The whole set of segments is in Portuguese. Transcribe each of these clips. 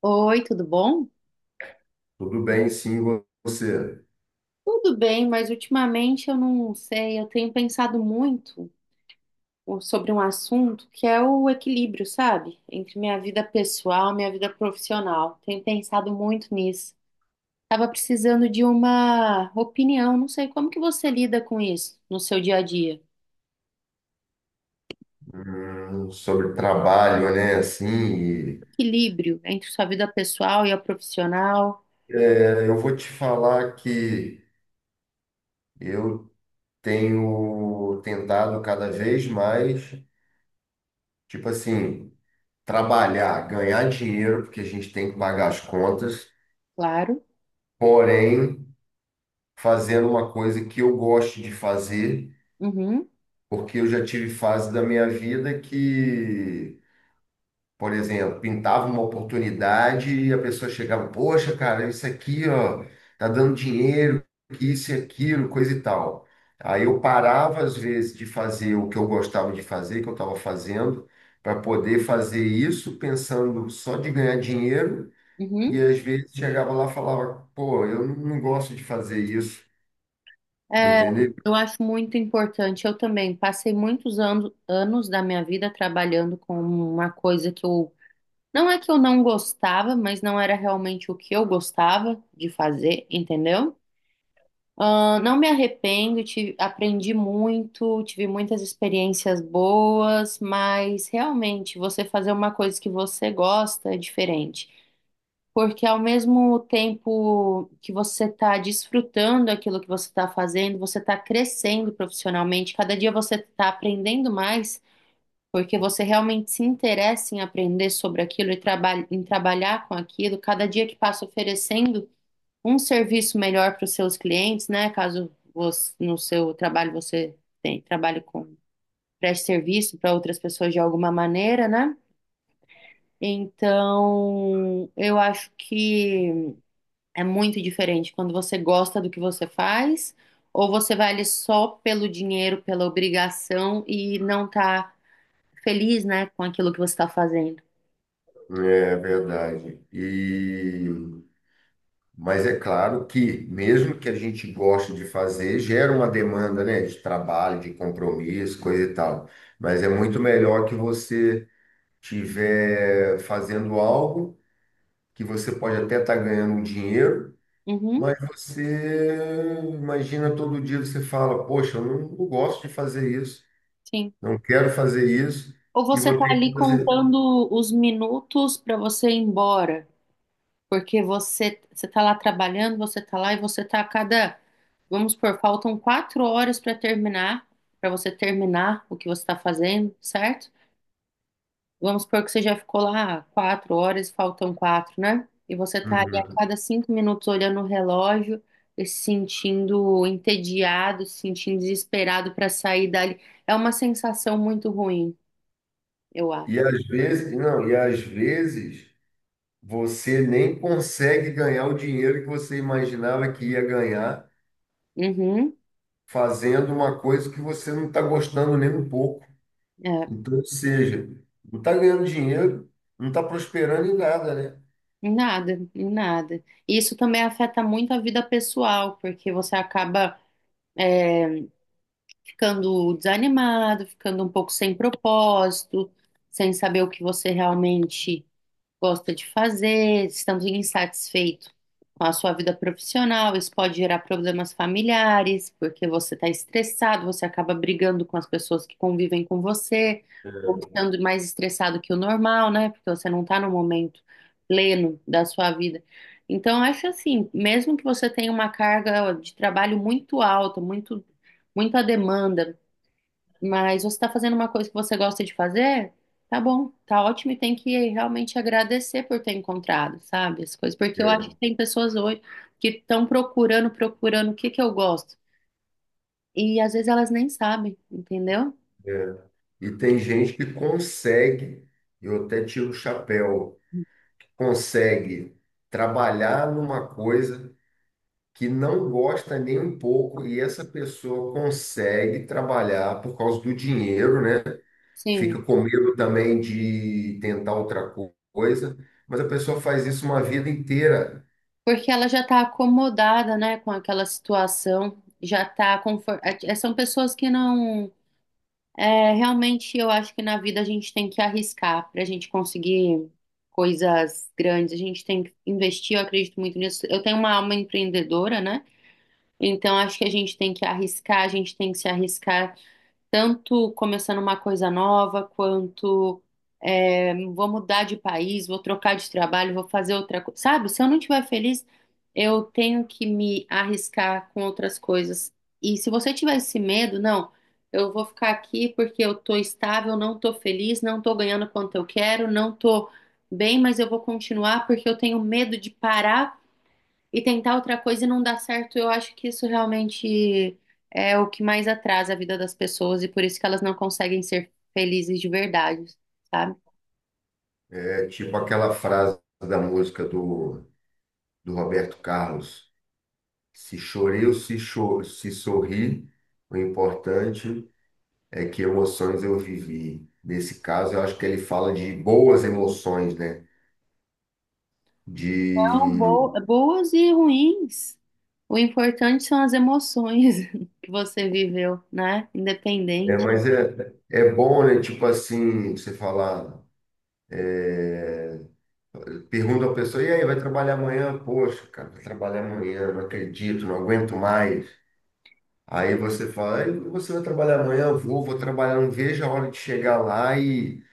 Oi, tudo bom? Tudo bem, sim, você. Tudo bem, mas ultimamente eu não sei, eu tenho pensado muito sobre um assunto que é o equilíbrio, sabe? Entre minha vida pessoal e minha vida profissional. Tenho pensado muito nisso. Tava precisando de uma opinião, não sei como que você lida com isso no seu dia a dia. Sobre trabalho, né? Assim, Equilíbrio entre sua vida pessoal e a profissional, eu vou te falar que eu tenho tentado cada vez mais, tipo assim, trabalhar, ganhar dinheiro, porque a gente tem que pagar as contas, claro. porém, fazendo uma coisa que eu gosto de fazer, Uhum, porque eu já tive fase da minha vida que Por exemplo, pintava uma oportunidade e a pessoa chegava, poxa, cara, isso aqui, ó, tá dando dinheiro, que isso e aquilo, coisa e tal. Aí eu parava, às vezes, de fazer o que eu gostava de fazer, que eu estava fazendo, para poder fazer isso pensando só de ganhar dinheiro, e uhum. às vezes chegava lá e falava, pô, eu não gosto de fazer isso, É, entendeu? eu acho muito importante. Eu também passei muitos anos, anos da minha vida trabalhando com uma coisa que eu. Não é que eu não gostava, mas não era realmente o que eu gostava de fazer, entendeu? Ah, não me arrependo, aprendi muito, tive muitas experiências boas, mas realmente você fazer uma coisa que você gosta é diferente. Porque ao mesmo tempo que você está desfrutando aquilo que você está fazendo, você está crescendo profissionalmente. Cada dia você está aprendendo mais, porque você realmente se interessa em aprender sobre aquilo e em trabalhar com aquilo. Cada dia que passa oferecendo um serviço melhor para os seus clientes, né? Caso no seu trabalho você tem, trabalhe com preste serviço para outras pessoas de alguma maneira, né? Então, eu acho que é muito diferente quando você gosta do que você faz, ou você vai ali só pelo dinheiro, pela obrigação e não tá feliz, né, com aquilo que você está fazendo. É verdade. Mas é claro que, mesmo que a gente goste de fazer, gera uma demanda, né, de trabalho, de compromisso, coisa e tal. Mas é muito melhor que você tiver fazendo algo que você pode até estar ganhando um dinheiro, Uhum, mas você imagina, todo dia você fala, poxa, eu não gosto de fazer isso, sim. não quero fazer isso Ou e você vou tá ter que ali fazer. contando os minutos para você ir embora. Porque você está lá trabalhando, você está lá e você está a cada, vamos supor, faltam quatro horas para terminar, para você terminar o que você está fazendo, certo? Vamos supor que você já ficou lá quatro horas, faltam quatro, né? E você tá ali a Uhum. cada cinco minutos olhando o relógio e se sentindo entediado, se sentindo desesperado para sair dali. É uma sensação muito ruim, eu E acho. às vezes não, e às vezes você nem consegue ganhar o dinheiro que você imaginava que ia ganhar Uhum, fazendo uma coisa que você não está gostando nem um pouco. é. Então, ou seja, não está ganhando dinheiro, não está prosperando em nada, né? Nada, nada. E isso também afeta muito a vida pessoal, porque você acaba ficando desanimado, ficando um pouco sem propósito, sem saber o que você realmente gosta de fazer, estando insatisfeito com a sua vida profissional, isso pode gerar problemas familiares, porque você está estressado, você acaba brigando com as pessoas que convivem com você, ou estando mais estressado que o normal, né? Porque você não está no momento pleno da sua vida. Então, eu acho assim, mesmo que você tenha uma carga de trabalho muito alta, muito, muita demanda, mas você está fazendo uma coisa que você gosta de fazer, tá bom, tá ótimo e tem que realmente agradecer por ter encontrado, sabe? As coisas, porque eu acho É, que tem pessoas hoje que estão procurando, procurando o que que eu gosto. E às vezes elas nem sabem, entendeu? é. E tem gente que consegue, eu até tiro o chapéu, consegue trabalhar numa coisa que não gosta nem um pouco, e essa pessoa consegue trabalhar por causa do dinheiro, né? Sim, Fica com medo também de tentar outra coisa, mas a pessoa faz isso uma vida inteira. porque ela já está acomodada, né, com aquela situação, já está confortável. São pessoas que não. É, realmente eu acho que na vida a gente tem que arriscar para a gente conseguir coisas grandes. A gente tem que investir, eu acredito muito nisso. Eu tenho uma alma empreendedora, né? Então acho que a gente tem que arriscar, a gente tem que se arriscar tanto começando uma coisa nova, quanto é, vou mudar de país, vou trocar de trabalho, vou fazer outra coisa. Sabe, se eu não estiver feliz, eu tenho que me arriscar com outras coisas. E se você tiver esse medo, não, eu vou ficar aqui porque eu tô estável, não tô feliz, não tô ganhando quanto eu quero, não tô bem, mas eu vou continuar porque eu tenho medo de parar e tentar outra coisa e não dar certo, eu acho que isso realmente é o que mais atrasa a vida das pessoas e por isso que elas não conseguem ser felizes de verdade, sabe? É tipo aquela frase da música do Roberto Carlos: se chorei ou se sorri, o importante é que emoções eu vivi. Nesse caso, eu acho que ele fala de boas emoções, né? Então, De. Boas e ruins. O importante são as emoções que você viveu, né? É, Independente. mas é bom, né? Tipo assim, você falar. é, Pergunto à pessoa, e aí, vai trabalhar amanhã? Poxa, cara, vai trabalhar amanhã, não acredito, não aguento mais. Aí você fala, ei, você vai trabalhar amanhã? Eu vou trabalhar, não vejo a hora de chegar lá e,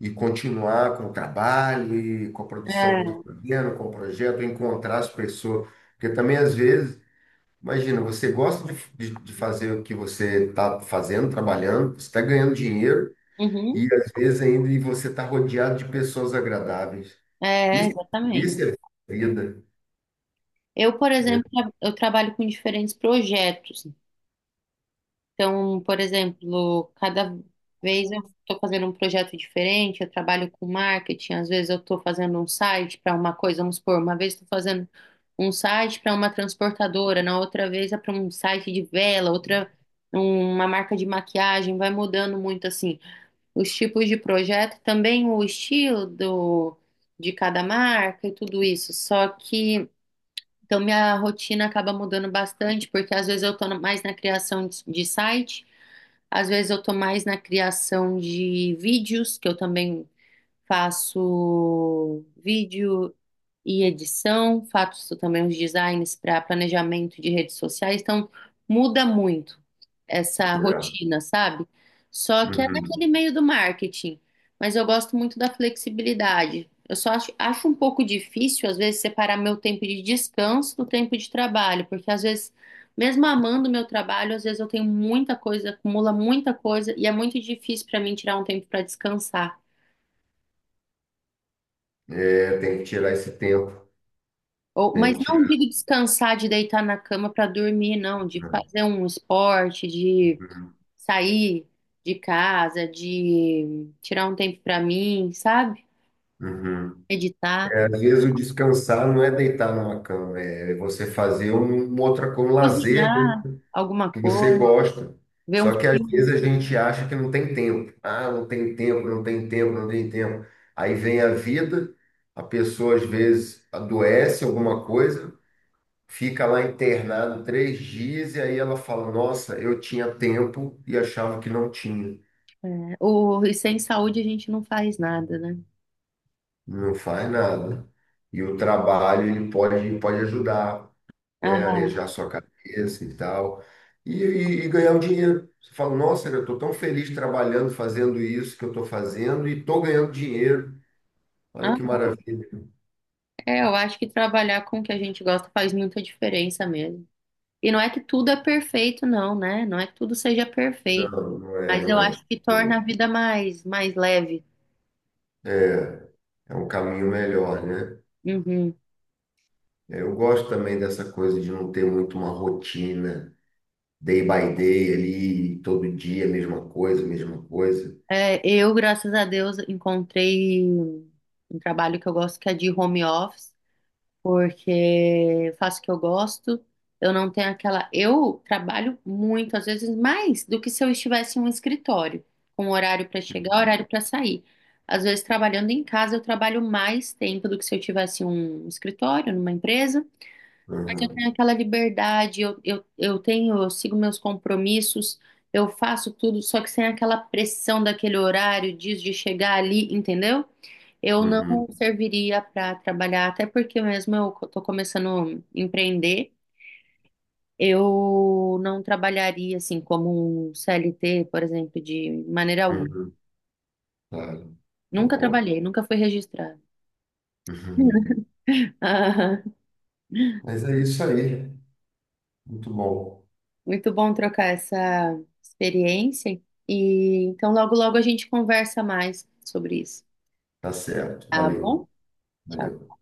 e continuar com o trabalho, e com a produção que eu É, estou fazendo, com o projeto, encontrar as pessoas. Porque também, às vezes, imagina, você gosta de fazer o que você está fazendo, trabalhando, você está ganhando dinheiro, uhum, e às vezes ainda e você está rodeado de pessoas agradáveis. é, Isso, exatamente. isso é vida. Eu, por Né. exemplo, eu trabalho com diferentes projetos. Então, por exemplo, cada vez eu estou fazendo um projeto diferente, eu trabalho com marketing, às vezes eu estou fazendo um site para uma coisa, vamos supor, uma vez estou fazendo um site para uma transportadora, na outra vez é para um site de vela, outra uma marca de maquiagem, vai mudando muito assim. Os tipos de projeto, também o estilo do, de cada marca e tudo isso. Só que então minha rotina acaba mudando bastante, porque às vezes eu estou mais na criação de site. Às vezes eu tô mais na criação de vídeos, que eu também faço vídeo e edição, faço também os designs para planejamento de redes sociais, então muda muito essa Tirar. rotina, sabe? Só que é Uhum. naquele meio do marketing, mas eu gosto muito da flexibilidade. Eu só acho, acho um pouco difícil, às vezes, separar meu tempo de descanso do tempo de trabalho, porque às vezes, mesmo amando meu trabalho, às vezes eu tenho muita coisa, acumula muita coisa, e é muito difícil para mim tirar um tempo para descansar. É, tem que tirar esse tempo. Ou, Tem mas que não tirar. digo descansar de deitar na cama para dormir, não, de fazer um esporte, de Uhum. sair de casa, de tirar um tempo para mim, sabe? Uhum. Meditar, É, às vezes o descansar não é deitar numa cama, é você fazer uma outra com lazer, né, cozinhar alguma que você coisa, gosta. ver um Só que às filme. vezes a gente acha que não tem tempo. Ah, não tem tempo, não tem tempo, não tem tempo. Aí vem a vida, a pessoa às vezes adoece alguma coisa, fica lá internado 3 dias e aí ela fala, nossa, eu tinha tempo e achava que não tinha. Né? O, e sem saúde a gente não faz nada, né? Não faz nada. E o trabalho ele pode ajudar, né? Aham. Arejar sua cabeça e tal. E ganhar o dinheiro. Você fala, nossa, eu estou tão feliz trabalhando, fazendo isso que eu estou fazendo e estou ganhando dinheiro. Olha que Ah, maravilha. é, eu acho que trabalhar com o que a gente gosta faz muita diferença mesmo. E não é que tudo é perfeito, não, né? Não é que tudo seja perfeito, Não, não é, mas eu não é. acho que torna a vida mais, mais leve. É um caminho melhor, né? Uhum. É, eu gosto também dessa coisa de não ter muito uma rotina, day by day ali, todo dia, mesma coisa, mesma coisa. É, eu, graças a Deus, encontrei um trabalho que eu gosto, que é de home office, porque eu faço o que eu gosto. Eu não tenho aquela. Eu trabalho muito, às vezes mais do que se eu estivesse em um escritório, com um horário para chegar, horário para sair. Às vezes, trabalhando em casa, eu trabalho mais tempo do que se eu tivesse em um escritório, numa empresa. Eu tenho Uhum, aquela liberdade, eu tenho, eu sigo meus compromissos, eu faço tudo, só que sem aquela pressão daquele horário, diz de chegar ali, entendeu? Eu não uhum, serviria para trabalhar, até porque mesmo eu tô começando a empreender, eu não trabalharia assim como um CLT, por exemplo, de maneira alguma. uhum. Claro, Nunca concordo. trabalhei, nunca fui registrada. Mas é isso aí. Muito bom. Muito bom trocar essa experiência. E então logo logo a gente conversa mais sobre isso. Tá certo. Tá Valeu, bom? Tchau. valeu.